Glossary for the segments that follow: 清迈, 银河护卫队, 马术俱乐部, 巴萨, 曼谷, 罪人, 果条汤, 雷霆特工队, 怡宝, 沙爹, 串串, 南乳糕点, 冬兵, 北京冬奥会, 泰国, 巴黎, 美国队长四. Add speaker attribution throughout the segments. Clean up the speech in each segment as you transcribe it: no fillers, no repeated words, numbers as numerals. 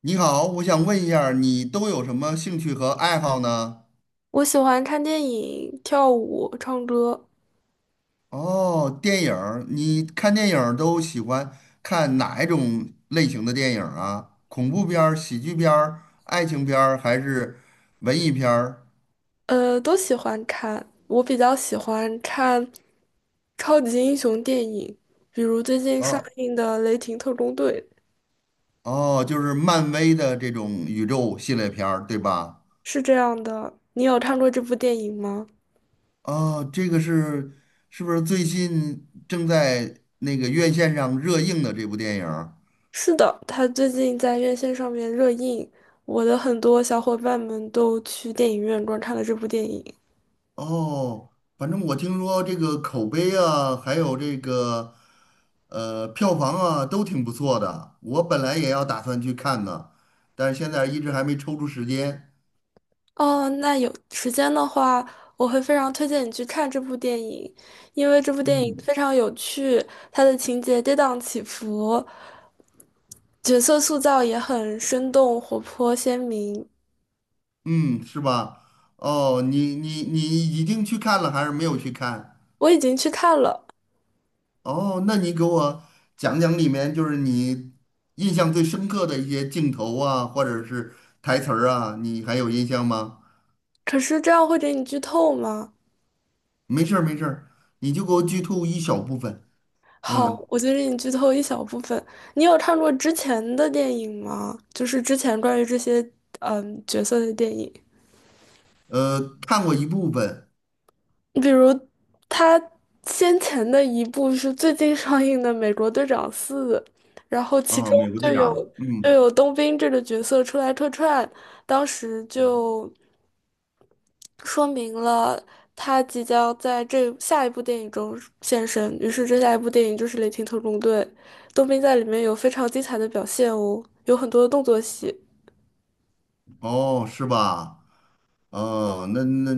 Speaker 1: 你好，我想问一下儿你都有什么兴趣和爱好呢？
Speaker 2: 我喜欢看电影、跳舞、唱歌，
Speaker 1: 哦，电影儿，你看电影儿都喜欢看哪一种类型的电影儿啊？恐怖片儿、喜剧片儿、爱情片儿，还是文艺片儿？
Speaker 2: 都喜欢看。我比较喜欢看超级英雄电影，比如最近上
Speaker 1: 哦
Speaker 2: 映的《雷霆特工队》，
Speaker 1: 哦，就是漫威的这种宇宙系列片儿，对吧？
Speaker 2: 是这样的。你有看过这部电影吗？
Speaker 1: 哦，这个是不是最近正在那个院线上热映的这部电影儿？
Speaker 2: 是的，它最近在院线上面热映，我的很多小伙伴们都去电影院观看了这部电影。
Speaker 1: 哦，反正我听说这个口碑啊，还有这个票房啊，都挺不错的。我本来也要打算去看的，但是现在一直还没抽出时间。
Speaker 2: 哦，那有时间的话，我会非常推荐你去看这部电影，因为这部电影
Speaker 1: 嗯
Speaker 2: 非常有趣，它的情节跌宕起伏，角色塑造也很生动、活泼、鲜明。
Speaker 1: 嗯，是吧？哦，你已经去看了还是没有去看？
Speaker 2: 我已经去看了，
Speaker 1: 哦，那你给我讲讲里面就是你印象最深刻的一些镜头啊，或者是台词儿啊，你还有印象吗？
Speaker 2: 可是这样会给你剧透吗？
Speaker 1: 没事儿没事儿，你就给我剧透一小部分。
Speaker 2: 好，
Speaker 1: 嗯。
Speaker 2: 我就给你剧透一小部分。你有看过之前的电影吗？就是之前关于这些角色的电影。
Speaker 1: 看过一部分
Speaker 2: 比如他先前的一部是最近上映的《美国队长四》，然后其
Speaker 1: 啊，
Speaker 2: 中
Speaker 1: 美国队长》。
Speaker 2: 就
Speaker 1: 嗯，
Speaker 2: 有冬兵这个角色出来客串，当时就说明了他即将在这下一部电影中现身。于是这下一部电影就是《雷霆特工队》，冬兵在里面有非常精彩的表现哦，有很多的动作戏，
Speaker 1: 哦，是吧？哦，那，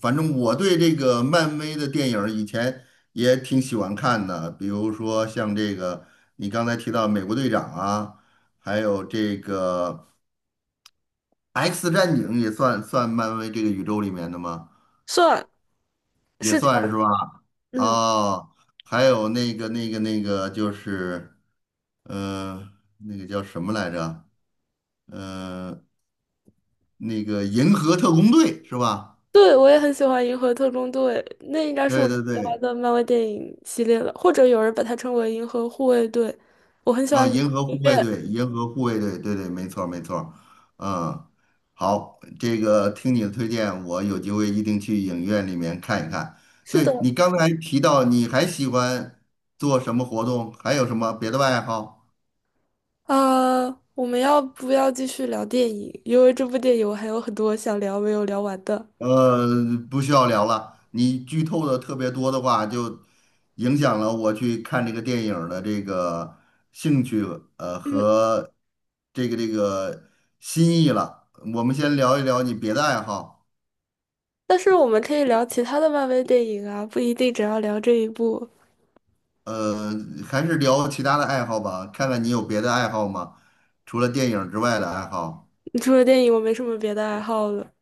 Speaker 1: 反正我对这个漫威的电影儿以前也挺喜欢看的，比如说像这个你刚才提到《美国队长》啊，还有这个《X 战警》也算漫威这个宇宙里面的吗？
Speaker 2: 算
Speaker 1: 也
Speaker 2: 是这样，
Speaker 1: 算是吧？
Speaker 2: 嗯
Speaker 1: 哦，还有那个就是，呃，那个叫什么来着？呃。那个银河特工队是吧？
Speaker 2: 对，我也很喜欢《银河特工队》，那应该是我
Speaker 1: 对
Speaker 2: 最
Speaker 1: 对
Speaker 2: 喜欢
Speaker 1: 对，
Speaker 2: 的漫威电影系列了，或者有人把它称为《银河护卫队》。我很喜
Speaker 1: 啊，
Speaker 2: 欢里
Speaker 1: 银
Speaker 2: 面的
Speaker 1: 河护
Speaker 2: 音
Speaker 1: 卫
Speaker 2: 乐。
Speaker 1: 队，银河护卫队，对对，没错儿没错儿，嗯，好，这个听你的推荐，我有机会一定去影院里面看一看。
Speaker 2: 是
Speaker 1: 对，
Speaker 2: 的，
Speaker 1: 你刚才提到你还喜欢做什么活动，还有什么别的爱好？
Speaker 2: 啊，我们要不要继续聊电影？因为这部电影我还有很多想聊没有聊完的。
Speaker 1: 呃，不需要聊了，你剧透的特别多的话，就影响了我去看这个电影儿的这个兴趣
Speaker 2: 嗯，
Speaker 1: 这个心意了。我们先聊一聊你别的爱好，
Speaker 2: 但是我们可以聊其他的漫威电影啊，不一定只要聊这一部。
Speaker 1: 呃，还是聊其他的爱好吧，看看你有别的爱好吗？除了电影之外的爱好
Speaker 2: 除了电影，我没什么别的爱好了。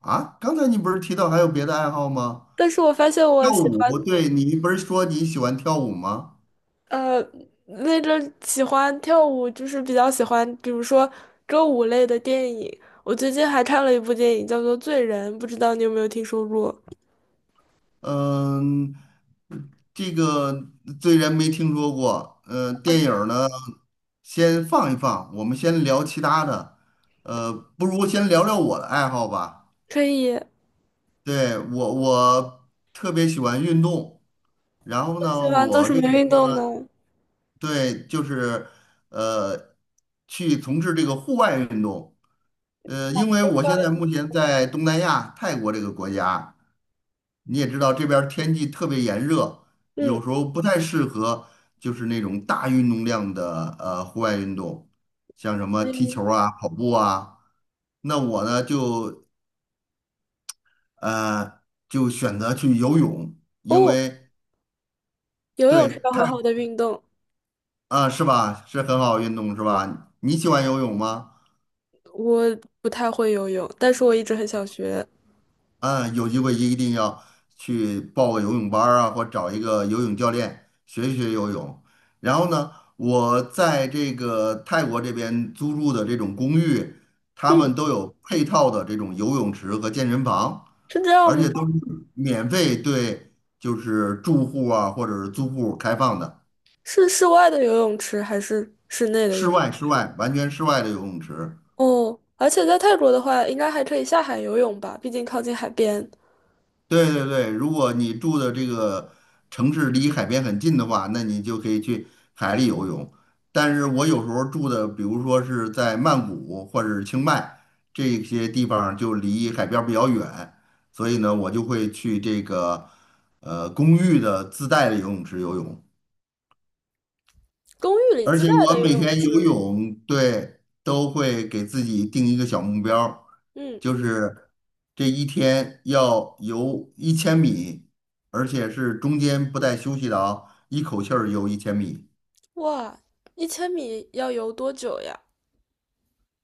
Speaker 1: 啊？刚才你不是提到还有别的爱好吗？
Speaker 2: 但是我发现
Speaker 1: 跳
Speaker 2: 我喜欢
Speaker 1: 舞，对，你不是说你喜欢跳舞吗？
Speaker 2: 呃，那个喜欢跳舞，就是比较喜欢，比如说歌舞类的电影。我最近还看了一部电影，叫做《罪人》，不知道你有没有听说过？
Speaker 1: 嗯，这个虽然没听说过，电影儿呢，先放一放，我们先聊其他的，呃，不如先聊聊我的爱好吧。
Speaker 2: 可以，我
Speaker 1: 对，我特别喜欢运动，然后
Speaker 2: 喜
Speaker 1: 呢，
Speaker 2: 欢做
Speaker 1: 我
Speaker 2: 什么
Speaker 1: 这个人
Speaker 2: 运
Speaker 1: 呢，
Speaker 2: 动呢？
Speaker 1: 对，就是呃，去从事这个户外运动。因为我现在目 前在东南亚泰国这个国家，你也知道这边儿天气特别炎热，有
Speaker 2: 嗯
Speaker 1: 时候不太适合就是那种大运动量的户外运动，像什么踢
Speaker 2: 嗯，
Speaker 1: 球儿啊、跑步啊。那我呢呃就选择去游泳，因
Speaker 2: 哦，
Speaker 1: 为
Speaker 2: 游泳
Speaker 1: 对，
Speaker 2: 是个
Speaker 1: 太
Speaker 2: 很好的运动。
Speaker 1: 啊，是吧？是很好运动，是吧？你喜欢游泳吗？
Speaker 2: 我不太会游泳，但是我一直很想学。
Speaker 1: 啊，有机会一定要去报个游泳班儿啊，或找一个游泳教练学一学游泳。然后呢，我在这个泰国这边租住的这种公寓，他
Speaker 2: 嗯，
Speaker 1: 们都有配套的这种游泳池和健身房，
Speaker 2: 是这样
Speaker 1: 而
Speaker 2: 吗？
Speaker 1: 且都是免费对，就是住户啊或者是租户开放的，
Speaker 2: 是室外的游泳池还是室内的游
Speaker 1: 室
Speaker 2: 泳？
Speaker 1: 外室外完全室外的游泳池。
Speaker 2: 哦，而且在泰国的话，应该还可以下海游泳吧，毕竟靠近海边。
Speaker 1: 对对对，如果你住的这个城市离海边很近的话，那你就可以去海里游泳。但是我有时候住的，比如说是在曼谷或者是清迈这些地方，就离海边儿比较远，所以呢，我就会去这个公寓的自带的游泳池游泳。
Speaker 2: 公寓里
Speaker 1: 而
Speaker 2: 自
Speaker 1: 且
Speaker 2: 带
Speaker 1: 我
Speaker 2: 的游
Speaker 1: 每
Speaker 2: 泳
Speaker 1: 天游
Speaker 2: 池。
Speaker 1: 泳，对，都会给自己定一个小目标儿
Speaker 2: 嗯，
Speaker 1: 就是这一天要游一千米，而且是中间不带休息的啊，一口气儿游一千米。
Speaker 2: 哇，一千米要游多久呀？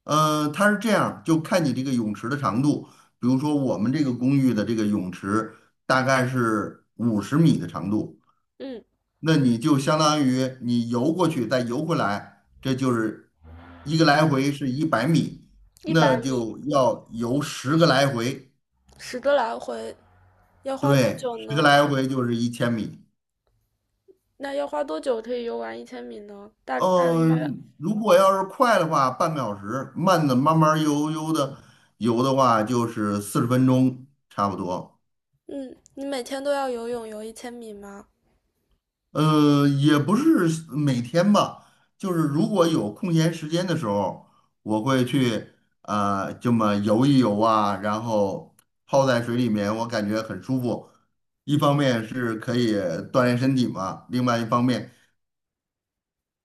Speaker 1: 它是这样，就看你这个泳池的长度。比如说我们这个公寓的这个泳池大概是50米的长度，
Speaker 2: 嗯，
Speaker 1: 那你就相当于你游过去再游回来，这就是一个来回是100米，
Speaker 2: 一
Speaker 1: 那
Speaker 2: 百米，
Speaker 1: 就要游十个来回，
Speaker 2: 10个来回，要花多
Speaker 1: 对，
Speaker 2: 久
Speaker 1: 十个
Speaker 2: 呢？
Speaker 1: 来回就是一千米。
Speaker 2: 那要花多久可以游完一千米呢？大约，
Speaker 1: 嗯，如果要是快的话，半个小时；慢的慢慢悠悠的游的话，就是40分钟差不多。
Speaker 2: 嗯，你每天都要游泳游一千米吗？
Speaker 1: 也不是每天吧，就是如果有空闲时间的时候，我会去这么游一游啊，然后泡在水里面，我感觉很舒服。一方面是可以锻炼身体嘛，另外一方面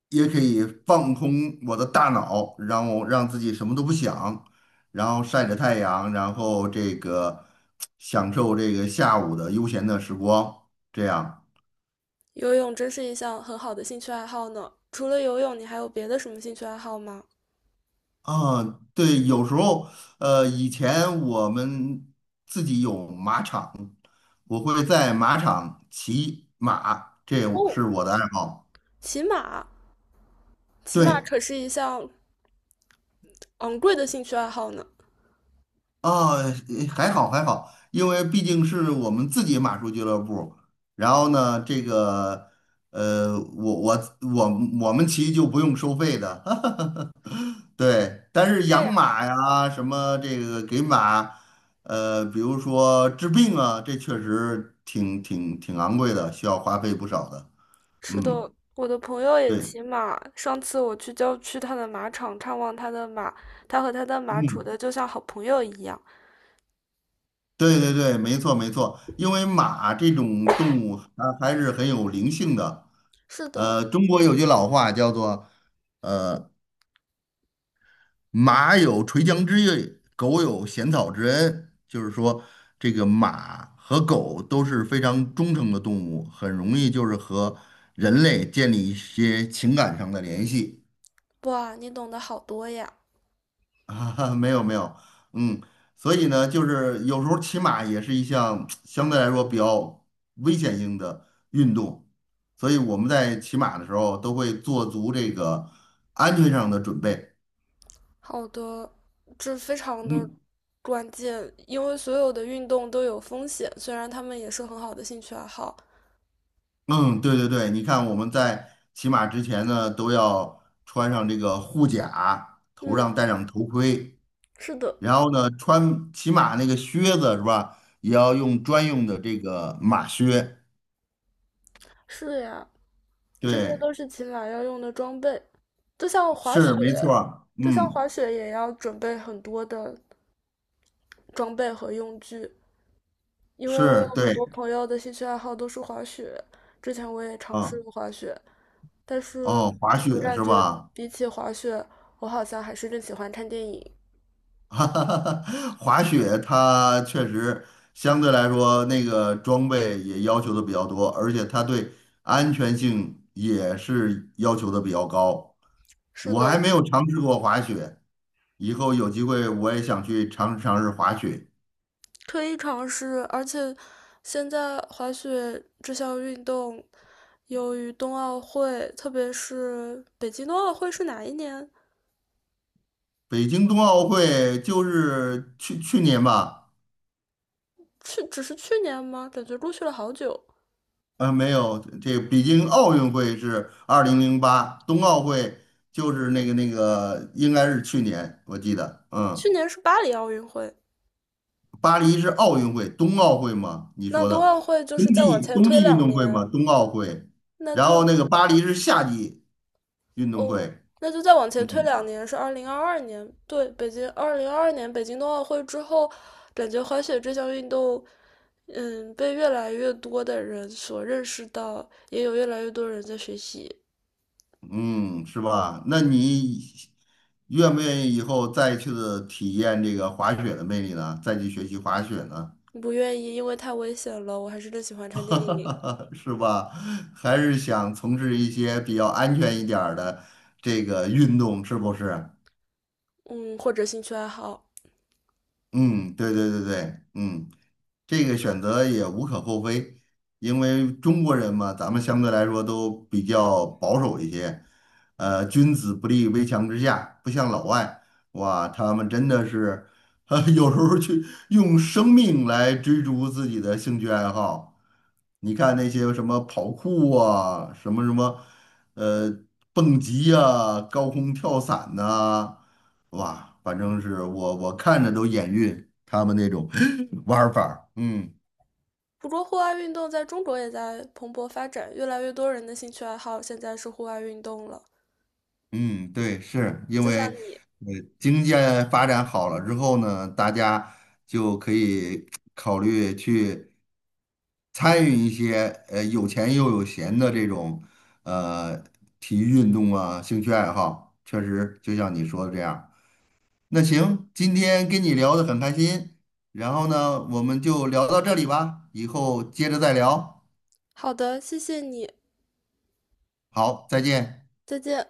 Speaker 1: 也可以放空我的大脑，让自己什么都不想，然后晒着太阳，然后这个享受这个下午的悠闲的时光，这样。
Speaker 2: 游泳真是一项很好的兴趣爱好呢。除了游泳，你还有别的什么兴趣爱好吗？
Speaker 1: 啊，对，有时候，以前我们自己有马场，我会在马场骑马，这
Speaker 2: 哦，
Speaker 1: 是我的爱好。
Speaker 2: 骑马，骑马
Speaker 1: 对，
Speaker 2: 可是一项昂贵的兴趣爱好呢。
Speaker 1: 啊，呃还好还好，因为毕竟是我们自己马术俱乐部。然后呢，这个，我们骑就不用收费的。对，但是
Speaker 2: 这
Speaker 1: 养
Speaker 2: 样。
Speaker 1: 马呀，什么这个给马，比如说治病啊，这确实挺昂贵的，需要花费不少的。
Speaker 2: 是
Speaker 1: 嗯，
Speaker 2: 的，我的朋友也
Speaker 1: 对，
Speaker 2: 骑马。上次我去郊区他的马场看望他的马，他和他的马处
Speaker 1: 嗯，
Speaker 2: 的就像好朋友一样。
Speaker 1: 对对对，没错没错，因为马这种动物它还是很有灵性的。
Speaker 2: 是的，
Speaker 1: 中国有句老话叫做。呃。马有垂缰之意，狗有衔草之恩。就是说，这个马和狗都是非常忠诚的动物，很容易就是和人类建立一些情感上的联系。
Speaker 2: 哇，你懂得好多呀。
Speaker 1: 啊，没有没有，嗯，所以呢，就是有时候骑马也是一项相对来说比较危险性的运动，所以我们在骑马的时候都会做足这个安全上的准备。
Speaker 2: 好的，这非常的
Speaker 1: 嗯。
Speaker 2: 关键，因为所有的运动都有风险，虽然他们也是很好的兴趣爱好。
Speaker 1: 嗯，对对对，你看我们在骑马之前呢，都要穿上这个护甲，头
Speaker 2: 嗯，
Speaker 1: 上戴上头盔，
Speaker 2: 是的，
Speaker 1: 然后呢，穿骑马那个靴子是吧，也要用专用的这个马靴。
Speaker 2: 是呀，这些
Speaker 1: 对，
Speaker 2: 都是骑马要用的装备，就像滑
Speaker 1: 是
Speaker 2: 雪，
Speaker 1: 没错儿
Speaker 2: 就像
Speaker 1: 嗯，
Speaker 2: 滑雪也要准备很多的装备和用具。因为我有
Speaker 1: 是
Speaker 2: 很
Speaker 1: 对
Speaker 2: 多朋友的兴趣爱好都是滑雪，之前我也尝试
Speaker 1: 嗯，
Speaker 2: 过滑雪，但是
Speaker 1: 哦，滑
Speaker 2: 我
Speaker 1: 雪
Speaker 2: 感
Speaker 1: 是
Speaker 2: 觉
Speaker 1: 吧？
Speaker 2: 比起滑雪，我好像还是更喜欢看电影。
Speaker 1: 哈哈，哈，滑雪它确实相对来说那个装备也要求的比较多，而且它对安全性也是要求的比较高。
Speaker 2: 是
Speaker 1: 我还
Speaker 2: 的，
Speaker 1: 没有尝试过滑雪，以后有机会我也想去尝试尝试滑雪。
Speaker 2: 可以尝试，而且现在滑雪这项运动，由于冬奥会，特别是北京冬奥会是哪一年？
Speaker 1: 北京冬奥会就是去年吧，
Speaker 2: 去，只是去年吗？感觉过去了好久。
Speaker 1: 没有，这北京奥运会是2008，冬奥会就是那个应该是去年，我记得，嗯。
Speaker 2: 去年是巴黎奥运会，
Speaker 1: 巴黎是奥运会，冬奥会嘛？你
Speaker 2: 那
Speaker 1: 说
Speaker 2: 冬
Speaker 1: 的
Speaker 2: 奥会就
Speaker 1: 冬
Speaker 2: 是再往
Speaker 1: 季
Speaker 2: 前
Speaker 1: 冬
Speaker 2: 推
Speaker 1: 季运
Speaker 2: 两
Speaker 1: 动会
Speaker 2: 年，
Speaker 1: 嘛，冬奥会。
Speaker 2: 那
Speaker 1: 然后
Speaker 2: 就
Speaker 1: 那个巴黎是夏季运动
Speaker 2: 哦，
Speaker 1: 会，
Speaker 2: 那就再往前推
Speaker 1: 嗯
Speaker 2: 两年，是二零二二年。对，北京二零二二年北京冬奥会之后，感觉滑雪这项运动，嗯，被越来越多的人所认识到，也有越来越多人在学习。
Speaker 1: 嗯，是吧？那你愿不愿意以后再去的体验这个滑雪的魅力呢？再去学习滑雪呢？
Speaker 2: 不愿意，因为太危险了。我还是更喜欢看电影，
Speaker 1: 是吧？还是想从事一些比较安全一点儿的这个运动，是不是？
Speaker 2: 嗯，或者兴趣爱好。
Speaker 1: 嗯，对对对对，嗯，这个选择也无可厚非，因为中国人嘛，咱们相对来说都比较保守一些，君子不立危墙之下，不像老外，哇，他们真的是，有时候去用生命来追逐自己的兴趣爱好。你看那些什么跑酷啊，什么什么，呃，蹦极啊、高空跳伞呐、哇，反正是我看着都眼晕，他们那种 玩儿法儿，嗯
Speaker 2: 不过，户外运动在中国也在蓬勃发展，越来越多人的兴趣爱好现在是户外运动了。
Speaker 1: 嗯，对，是因
Speaker 2: 就
Speaker 1: 为
Speaker 2: 像你。
Speaker 1: 呃经济发展好了之后呢，大家就可以考虑去参与一些有钱又有闲的这种呃体育运动啊，兴趣爱好，确实就像你说的这样。那行，今天跟你聊得很开心，然后呢，我们就聊到这里吧，以后接着再聊。
Speaker 2: 好的，谢谢你，
Speaker 1: 好，再见。
Speaker 2: 再见。